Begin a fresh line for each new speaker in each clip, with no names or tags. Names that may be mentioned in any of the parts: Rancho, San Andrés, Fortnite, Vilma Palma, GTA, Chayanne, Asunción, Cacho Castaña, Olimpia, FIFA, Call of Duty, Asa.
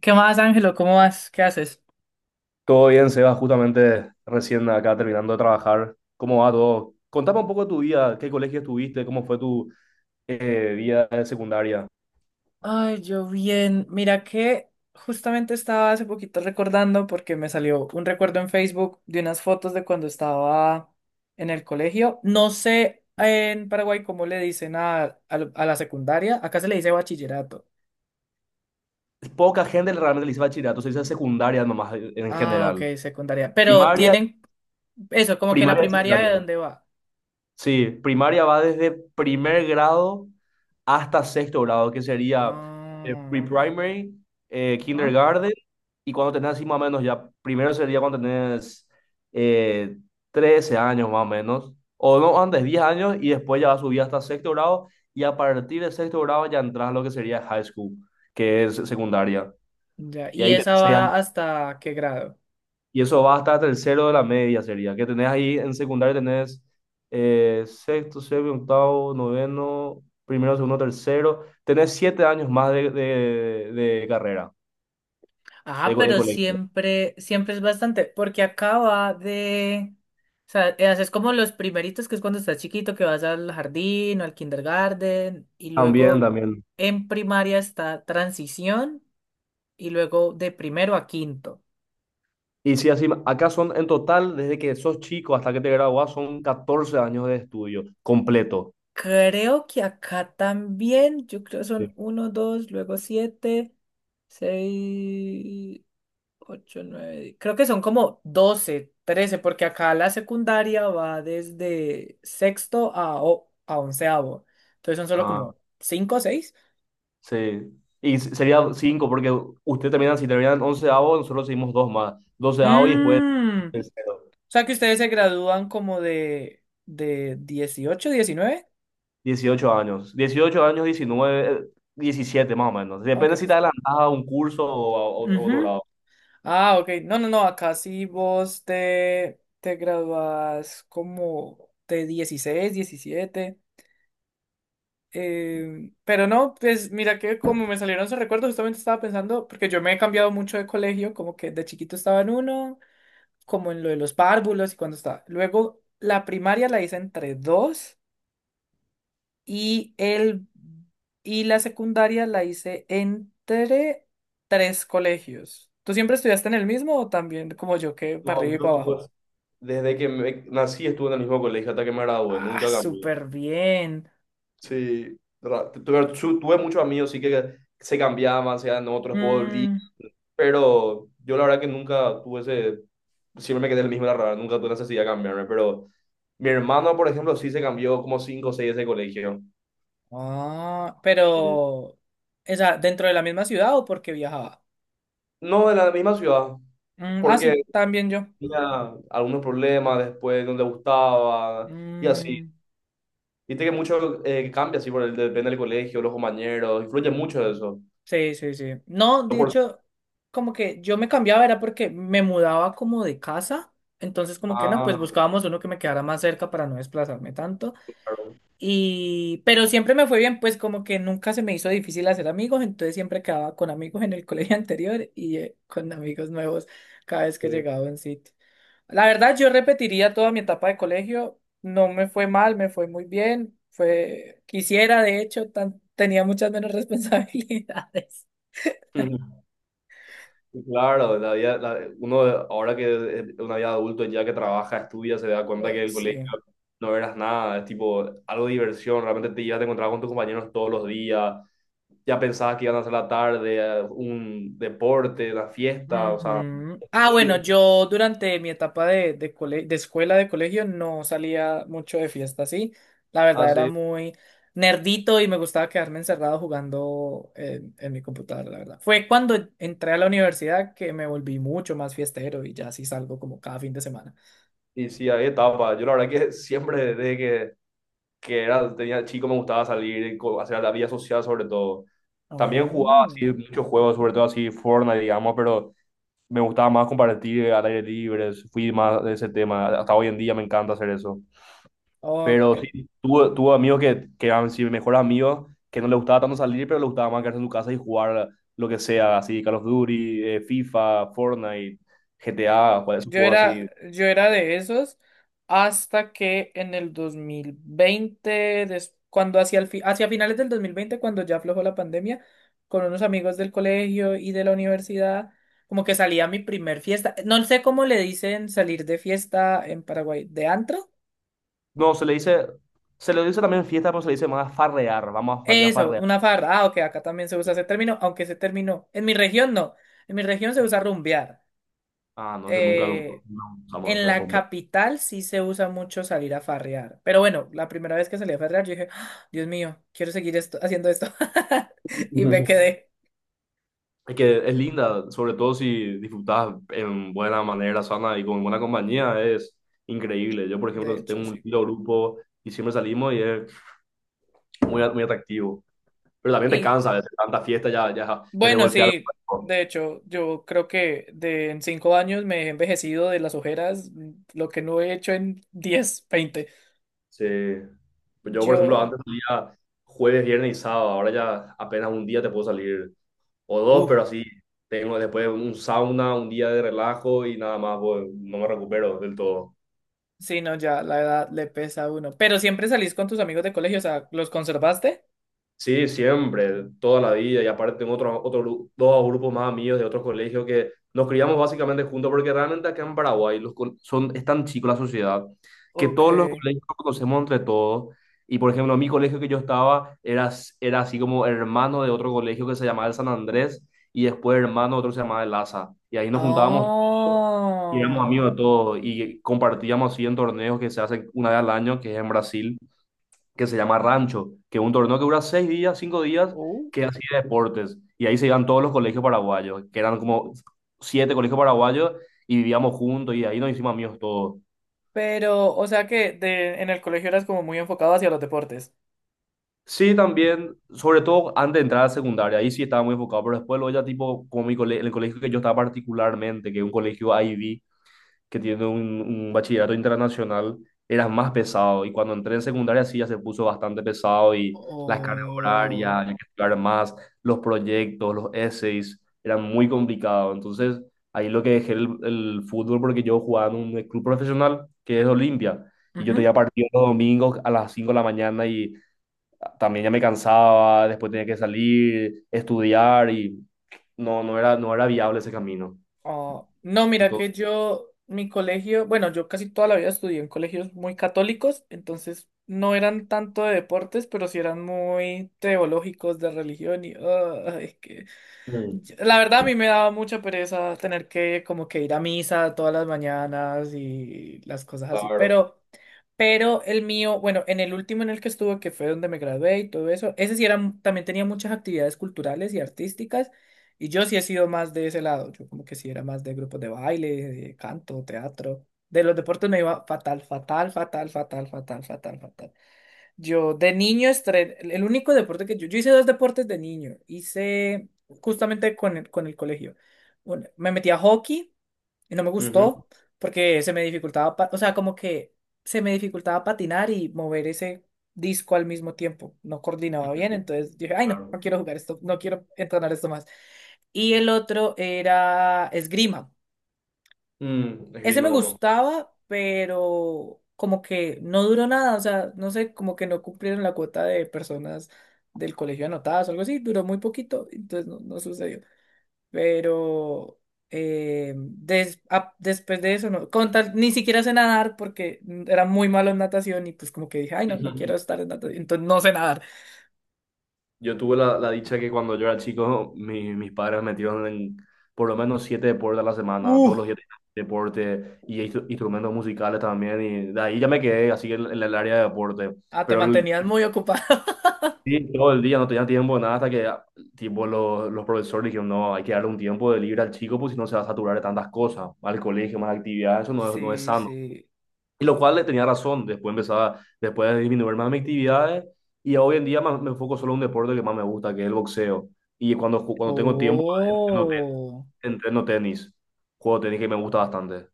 ¿Qué más, Ángelo? ¿Cómo vas? ¿Qué haces?
Todo bien, Seba, justamente recién acá terminando de trabajar. ¿Cómo va todo? Contame un poco de tu vida, qué colegio estuviste, cómo fue tu vida de secundaria.
Ay, yo bien. Mira que justamente estaba hace poquito recordando porque me salió un recuerdo en Facebook de unas fotos de cuando estaba en el colegio. No sé en Paraguay cómo le dicen a la secundaria. Acá se le dice bachillerato.
Poca gente realmente le dice bachillerato, se dice secundaria nomás en
Ah,
general.
ok, secundaria. Pero
Primaria,
tienen eso, como que la
primaria y
primaria de
secundaria.
dónde va.
Sí, primaria va desde primer grado hasta sexto grado, que sería
Ah,
pre-primary,
ajá.
kindergarten, y cuando tenés así más o menos ya, primero sería cuando tenés eh, 13 años más o menos, o no, antes 10 años, y después ya va a subir hasta sexto grado, y a partir de sexto grado ya entras a lo que sería high school, que es secundaria,
Ya.
y
¿Y
ahí tenés
esa
6
va hasta qué grado?
y eso va hasta tercero de la media, sería. Que tenés ahí en secundaria, tenés sexto, séptimo, octavo, noveno, primero, segundo, tercero. Tenés 7 años más de carrera,
Ah,
de
pero
colegio.
siempre, siempre es bastante, porque acaba de, o sea, haces como los primeritos, que es cuando estás chiquito, que vas al jardín o al kindergarten, y
También,
luego
también.
en primaria está transición, y luego de primero a quinto.
Y sí, así, acá son en total, desde que sos chico hasta que te gradúas, son 14 años de estudio completo.
Creo que acá también, yo creo
Sí.
son uno, dos, luego siete, seis. Ocho 9 creo que son como 12 13 porque acá la secundaria va desde sexto a, a onceavo. Entonces son solo
Ah,
como cinco o 6.
sí. Y sería 5 porque usted terminan, si terminan 11 onceavo, nosotros seguimos dos más. 12 y después
Mm, o
tercero.
sea que ustedes se gradúan como de 18 19.
18 años, 18 años, 19 17 más o menos.
Ah, ok.
Depende si te adelantas a un curso o a otro
Ujú.
lado.
Ah, ok. No, no, no. Acá sí vos te, te gradúas como de 16 17. Pero no, pues mira que como me salieron esos recuerdos, justamente estaba pensando, porque yo me he cambiado mucho de colegio, como que de chiquito estaba en uno, como en lo de los párvulos y cuando estaba. Luego la primaria la hice entre dos y el y la secundaria la hice entre tres colegios. ¿Tú siempre estudiaste en el mismo o también como yo que para
No,
arriba y
yo
para
estuve,
abajo?
desde que nací estuve en el mismo colegio hasta que me gradué,
Ah,
nunca cambié.
súper bien.
Sí, tuve muchos amigos, sí que se cambiaban, se en otros por día,
Mm.
pero yo la verdad que nunca tuve ese, siempre me quedé el mismo, la verdad, nunca tuve necesidad de cambiarme, pero mi hermano, por ejemplo, sí se cambió como 5 o 6 de ese colegio.
Ah,
Eh,
pero, esa, ¿dentro de la misma ciudad o porque viajaba?
No, de la misma ciudad,
Mm, ah,
porque
sí, también yo.
tenía algunos problemas después, no le gustaba y así.
Mm,
Viste que mucho cambia así, por el, depende del colegio, los compañeros, influye mucho eso.
sí, sí, sí. No,
No
de
por-
hecho, como que yo me cambiaba era porque me mudaba como de casa. Entonces, como que no, pues
ah,
buscábamos uno que me quedara más cerca para no desplazarme tanto.
claro.
Y, pero siempre me fue bien, pues como que nunca se me hizo difícil hacer amigos. Entonces siempre quedaba con amigos en el colegio anterior y con amigos nuevos cada vez que
Sí.
llegaba a un sitio. La verdad, yo repetiría toda mi etapa de colegio. No me fue mal, me fue muy bien. Fue, quisiera, de hecho, tenía muchas menos responsabilidades.
Claro, uno ahora que es una vida adulto, ya que trabaja, estudia, se da cuenta que
Ay,
el colegio
sí.
no eras nada, es tipo algo de diversión, realmente te ibas a encontrar con tus compañeros todos los días, ya pensabas que iban a hacer la tarde, un deporte, la fiesta, o sea,
Ujú. Ah, bueno,
muy,
yo durante mi etapa de, de escuela, de colegio, no salía mucho de fiesta, sí. La verdad era
así.
muy nerdito y me gustaba quedarme encerrado jugando en mi computadora, la verdad. Fue cuando entré a la universidad que me volví mucho más fiestero y ya sí salgo como cada fin de semana.
Y sí, había etapas. Yo la verdad que siempre desde que era, tenía chico me gustaba salir, hacer la vida social sobre todo. También jugaba
Oh,
así muchos juegos, sobre todo así Fortnite, digamos, pero me gustaba más compartir al aire libre, fui más de ese tema. Hasta hoy en día me encanta hacer eso. Pero
ok.
sí, tuve amigos que eran sí, mejores amigos, que no les gustaba tanto salir, pero les gustaba más quedarse en su casa y jugar lo que sea, así Call of Duty, FIFA, Fortnite, GTA, pues, esos
Yo
juegos
era,
así.
yo era de esos hasta que en el 2020, cuando hacia, el hacia finales del 2020 cuando ya aflojó la pandemia, con unos amigos del colegio y de la universidad, como que salía mi primer fiesta. No sé cómo le dicen salir de fiesta en Paraguay, ¿de antro?
No, se le dice también fiesta, pero se le dice más farrear. Vamos a salir a
Eso,
farrear.
una farra. Ah, ok, acá también se usa ese término, aunque ese término, en mi región no. En mi región se usa rumbear.
Ah, no sé, nunca
Eh,
nosotros no usamos
En
eso de
la
rumbear.
capital sí se usa mucho salir a farrear. Pero bueno, la primera vez que salí a farrear, yo dije, "Ah, Dios mío, quiero seguir esto, haciendo esto." Y me quedé.
Es que es linda, sobre todo si disfrutas en buena manera, sana y con buena compañía, es increíble. Yo, por
De
ejemplo,
hecho,
tengo un
sí.
lindo grupo y siempre salimos y es muy, muy atractivo. Pero también te
Y
cansa, a veces tanta fiesta ya, ya, ya te
bueno,
golpea el
sí,
cuerpo.
de hecho, yo creo que de en 5 años me he envejecido de las ojeras, lo que no he hecho en 10 20.
Sí. Pues yo, por ejemplo,
Yo,
antes salía jueves, viernes y sábado, ahora ya apenas un día te puedo salir. O dos,
uff,
pero así tengo después un sauna, un día de relajo y nada más, pues, no me recupero del todo.
sí, no, ya la edad le pesa a uno. Pero siempre salís con tus amigos de colegio, o sea, ¿los conservaste?
Sí, siempre, toda la vida, y aparte tengo dos grupos más amigos de otros colegios que nos criamos básicamente juntos, porque realmente acá en Paraguay es tan chico la sociedad que
Ok.
todos los colegios nos conocemos entre todos. Y por ejemplo, mi colegio que yo estaba era así como hermano de otro colegio que se llamaba el San Andrés y después hermano de otro que se llamaba el Asa. Y ahí nos juntábamos. Y éramos
Oh.
amigos de todo y compartíamos así en torneos que se hacen una vez al año, que es en Brasil, que se llama Rancho, que es un torneo que dura 6 días, 5 días,
Oh.
que es así de deportes. Y ahí se iban todos los colegios paraguayos, que eran como siete colegios paraguayos, y vivíamos juntos y ahí nos hicimos amigos todos.
Pero, o sea que de, en el colegio eras como muy enfocado hacia los deportes.
Sí, también, sobre todo antes de entrar a secundaria, ahí sí estaba muy enfocado, pero después luego ya tipo, como el colegio que yo estaba particularmente, que es un colegio IB, que tiene un bachillerato internacional, era más pesado. Y cuando entré en secundaria sí ya se puso bastante pesado y las cargas horarias,
O...
había que estudiar más, los proyectos, los essays, eran muy complicados. Entonces ahí lo que dejé el fútbol porque yo jugaba en un club profesional que es Olimpia. Y yo
Ujú.
tenía partido los domingos a las 5 de la mañana y también ya me cansaba, después tenía que salir, estudiar y no, no era viable ese camino.
Oh, no, mira
Entonces.
que yo, mi colegio, bueno, yo casi toda la vida estudié en colegios muy católicos, entonces no eran tanto de deportes, pero sí eran muy teológicos de religión y ah, es que
Mm.
La verdad, a mí me daba mucha pereza tener que como que ir a misa todas las mañanas y las cosas así,
Claro.
pero el mío, bueno, en el último en el que estuve, que fue donde me gradué y todo eso, ese sí era, también tenía muchas actividades culturales y artísticas, y yo sí he sido más de ese lado, yo como que sí era más de grupos de baile, de canto, teatro, de los deportes me iba fatal, fatal, fatal, fatal, fatal, fatal, fatal. Yo de niño el único deporte que yo hice dos deportes de niño, hice justamente con el colegio. Bueno, me metí a hockey y no me
Ujú,
gustó porque se me dificultaba, o sea, como que se me dificultaba patinar y mover ese disco al mismo tiempo, no coordinaba bien, entonces dije, ay no, no
claro.
quiero jugar esto, no quiero entrenar esto más. Y el otro era esgrima.
Mm,
Ese
esgrima
me
mono.
gustaba, pero como que no duró nada, o sea, no sé, como que no cumplieron la cuota de personas del colegio anotadas o algo así, duró muy poquito, entonces no, no sucedió. Pero después de eso, no, ni siquiera sé nadar porque era muy malo en natación y pues como que dije, ay, no, no quiero estar en natación, entonces no sé nadar.
Yo tuve la dicha que cuando yo era chico, mis padres me metieron en por lo menos siete deportes a la semana,
Uh,
todos los días tenía deporte y instrumentos musicales también, y de ahí ya me quedé así en el área de deporte.
ah, te
Pero
mantenías muy ocupado.
sí, todo el día no tenía tiempo de nada hasta que tipo, los profesores dijeron, no, hay que darle un tiempo de libre al chico, pues si no se va a saturar de tantas cosas, al colegio, más actividades, eso no, no es
Sí,
sano.
sí.
Y lo cual le tenía razón, después empezaba, después de disminuir más mis actividades y hoy en día me enfoco solo en un deporte que más me gusta, que es el boxeo. Y cuando tengo tiempo, entreno,
Oh.
entreno tenis, juego tenis que me gusta bastante.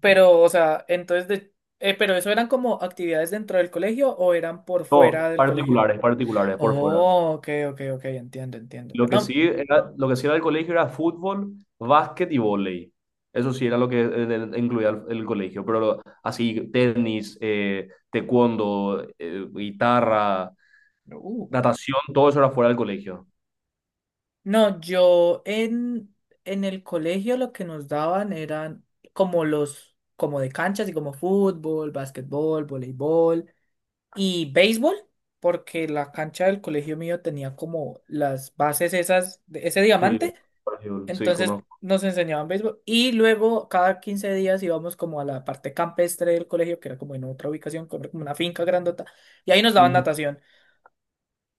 Pero, o sea, entonces de... pero eso eran como actividades dentro del colegio o eran por
No,
fuera del colegio.
particulares, particulares, por fuera.
Oh, ok, ok, ok, entiendo, entiendo.
Lo que
No,
sí era, lo que sí era el colegio era fútbol, básquet y vóley. Eso sí era lo que incluía el colegio, pero así, tenis, taekwondo, guitarra,
uh,
natación, todo eso era fuera del colegio.
no, yo en el colegio lo que nos daban eran como los, como de canchas y como fútbol, básquetbol, voleibol y béisbol, porque la cancha del colegio mío tenía como las bases esas, de ese
Sí,
diamante.
Brasil, sí,
Entonces
conozco.
nos enseñaban béisbol y luego cada 15 días íbamos como a la parte campestre del colegio, que era como en otra ubicación, como como una finca grandota, y ahí nos daban
Ujú.
natación.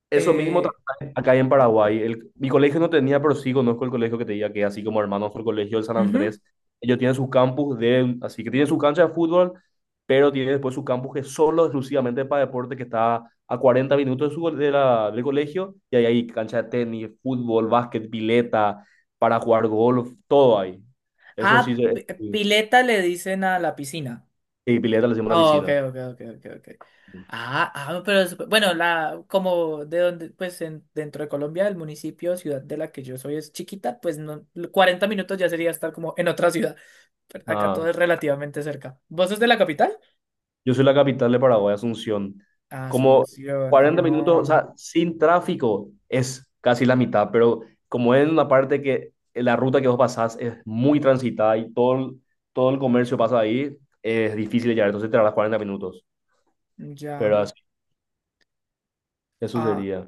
Eso mismo
Eh,
también acá en Paraguay. Mi colegio no tenía, pero sí conozco el colegio que te diga que así como hermanos el colegio del San
Ujú.
Andrés, ellos tienen su campus de, así que tienen su cancha de fútbol, pero tienen después su campus que es solo exclusivamente para deporte, que está a 40 minutos de su, de la, del colegio, y ahí hay cancha de tenis, fútbol, básquet, pileta, para jugar golf, todo ahí. Eso sí,
Ah,
sí,
pileta le dicen a la piscina.
sí, pileta le hacemos una
Ah, ok,
piscina.
ok, ok, ok, ok. Ah, ah, no, pero bueno, la, como de donde, pues en, dentro de Colombia, el municipio, ciudad de la que yo soy es chiquita, pues no, 40 minutos ya sería estar como en otra ciudad. Pero acá
Ah,
todo es relativamente cerca. ¿Vos sos de la capital?
yo soy la capital de Paraguay, Asunción. Como
Asunción,
40 minutos, o
oh,
sea, sin tráfico es casi la mitad, pero como es una parte que la ruta que vos pasás es muy transitada y todo, todo el comercio pasa ahí, es difícil de llegar, entonces te tardas 40 minutos.
ya.
Pero así, eso
Ah,
sería.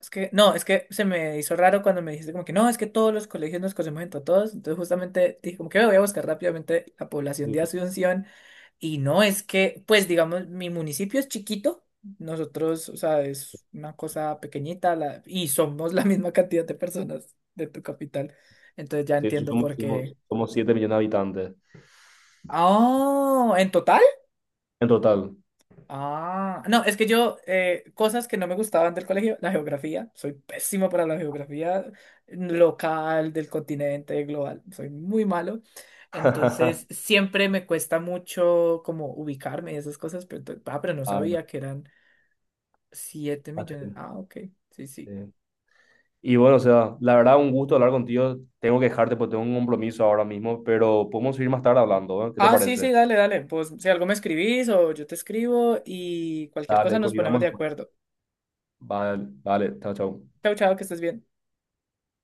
es que, no, es que se me hizo raro cuando me dijiste como que no, es que todos los colegios nos conocemos entre todos. Entonces justamente dije como que "Ve, voy a buscar rápidamente la población
Sí,
de Asunción." Y no, es que, pues digamos, mi municipio es chiquito. Nosotros, o sea, es una cosa pequeñita y somos la misma cantidad de personas de tu capital. Entonces ya
sí, eso
entiendo
somos,
por qué.
7 millones de habitantes
Oh, en total.
en total.
Ah, no, es que yo, cosas que no me gustaban del colegio, la geografía, soy pésimo para la geografía local, del continente, global, soy muy malo. Entonces, siempre me cuesta mucho como ubicarme y esas cosas, pero, pero no
Ah, no,
sabía que eran 7 millones.
así,
Ah, ok, sí, sí.
sí. Y bueno, o sea, la verdad, un gusto hablar contigo. Tengo que dejarte porque tengo un compromiso ahora mismo, pero podemos seguir más tarde hablando, ¿eh? ¿Qué te
Ah, sí, sí,
parece?
dale, dale. Pues si algo me escribís o yo te escribo y cualquier
Dale,
cosa nos ponemos
coordinamos
de
después.
acuerdo.
Vale, vale, chao, chao.
Chao, chao, que estés bien.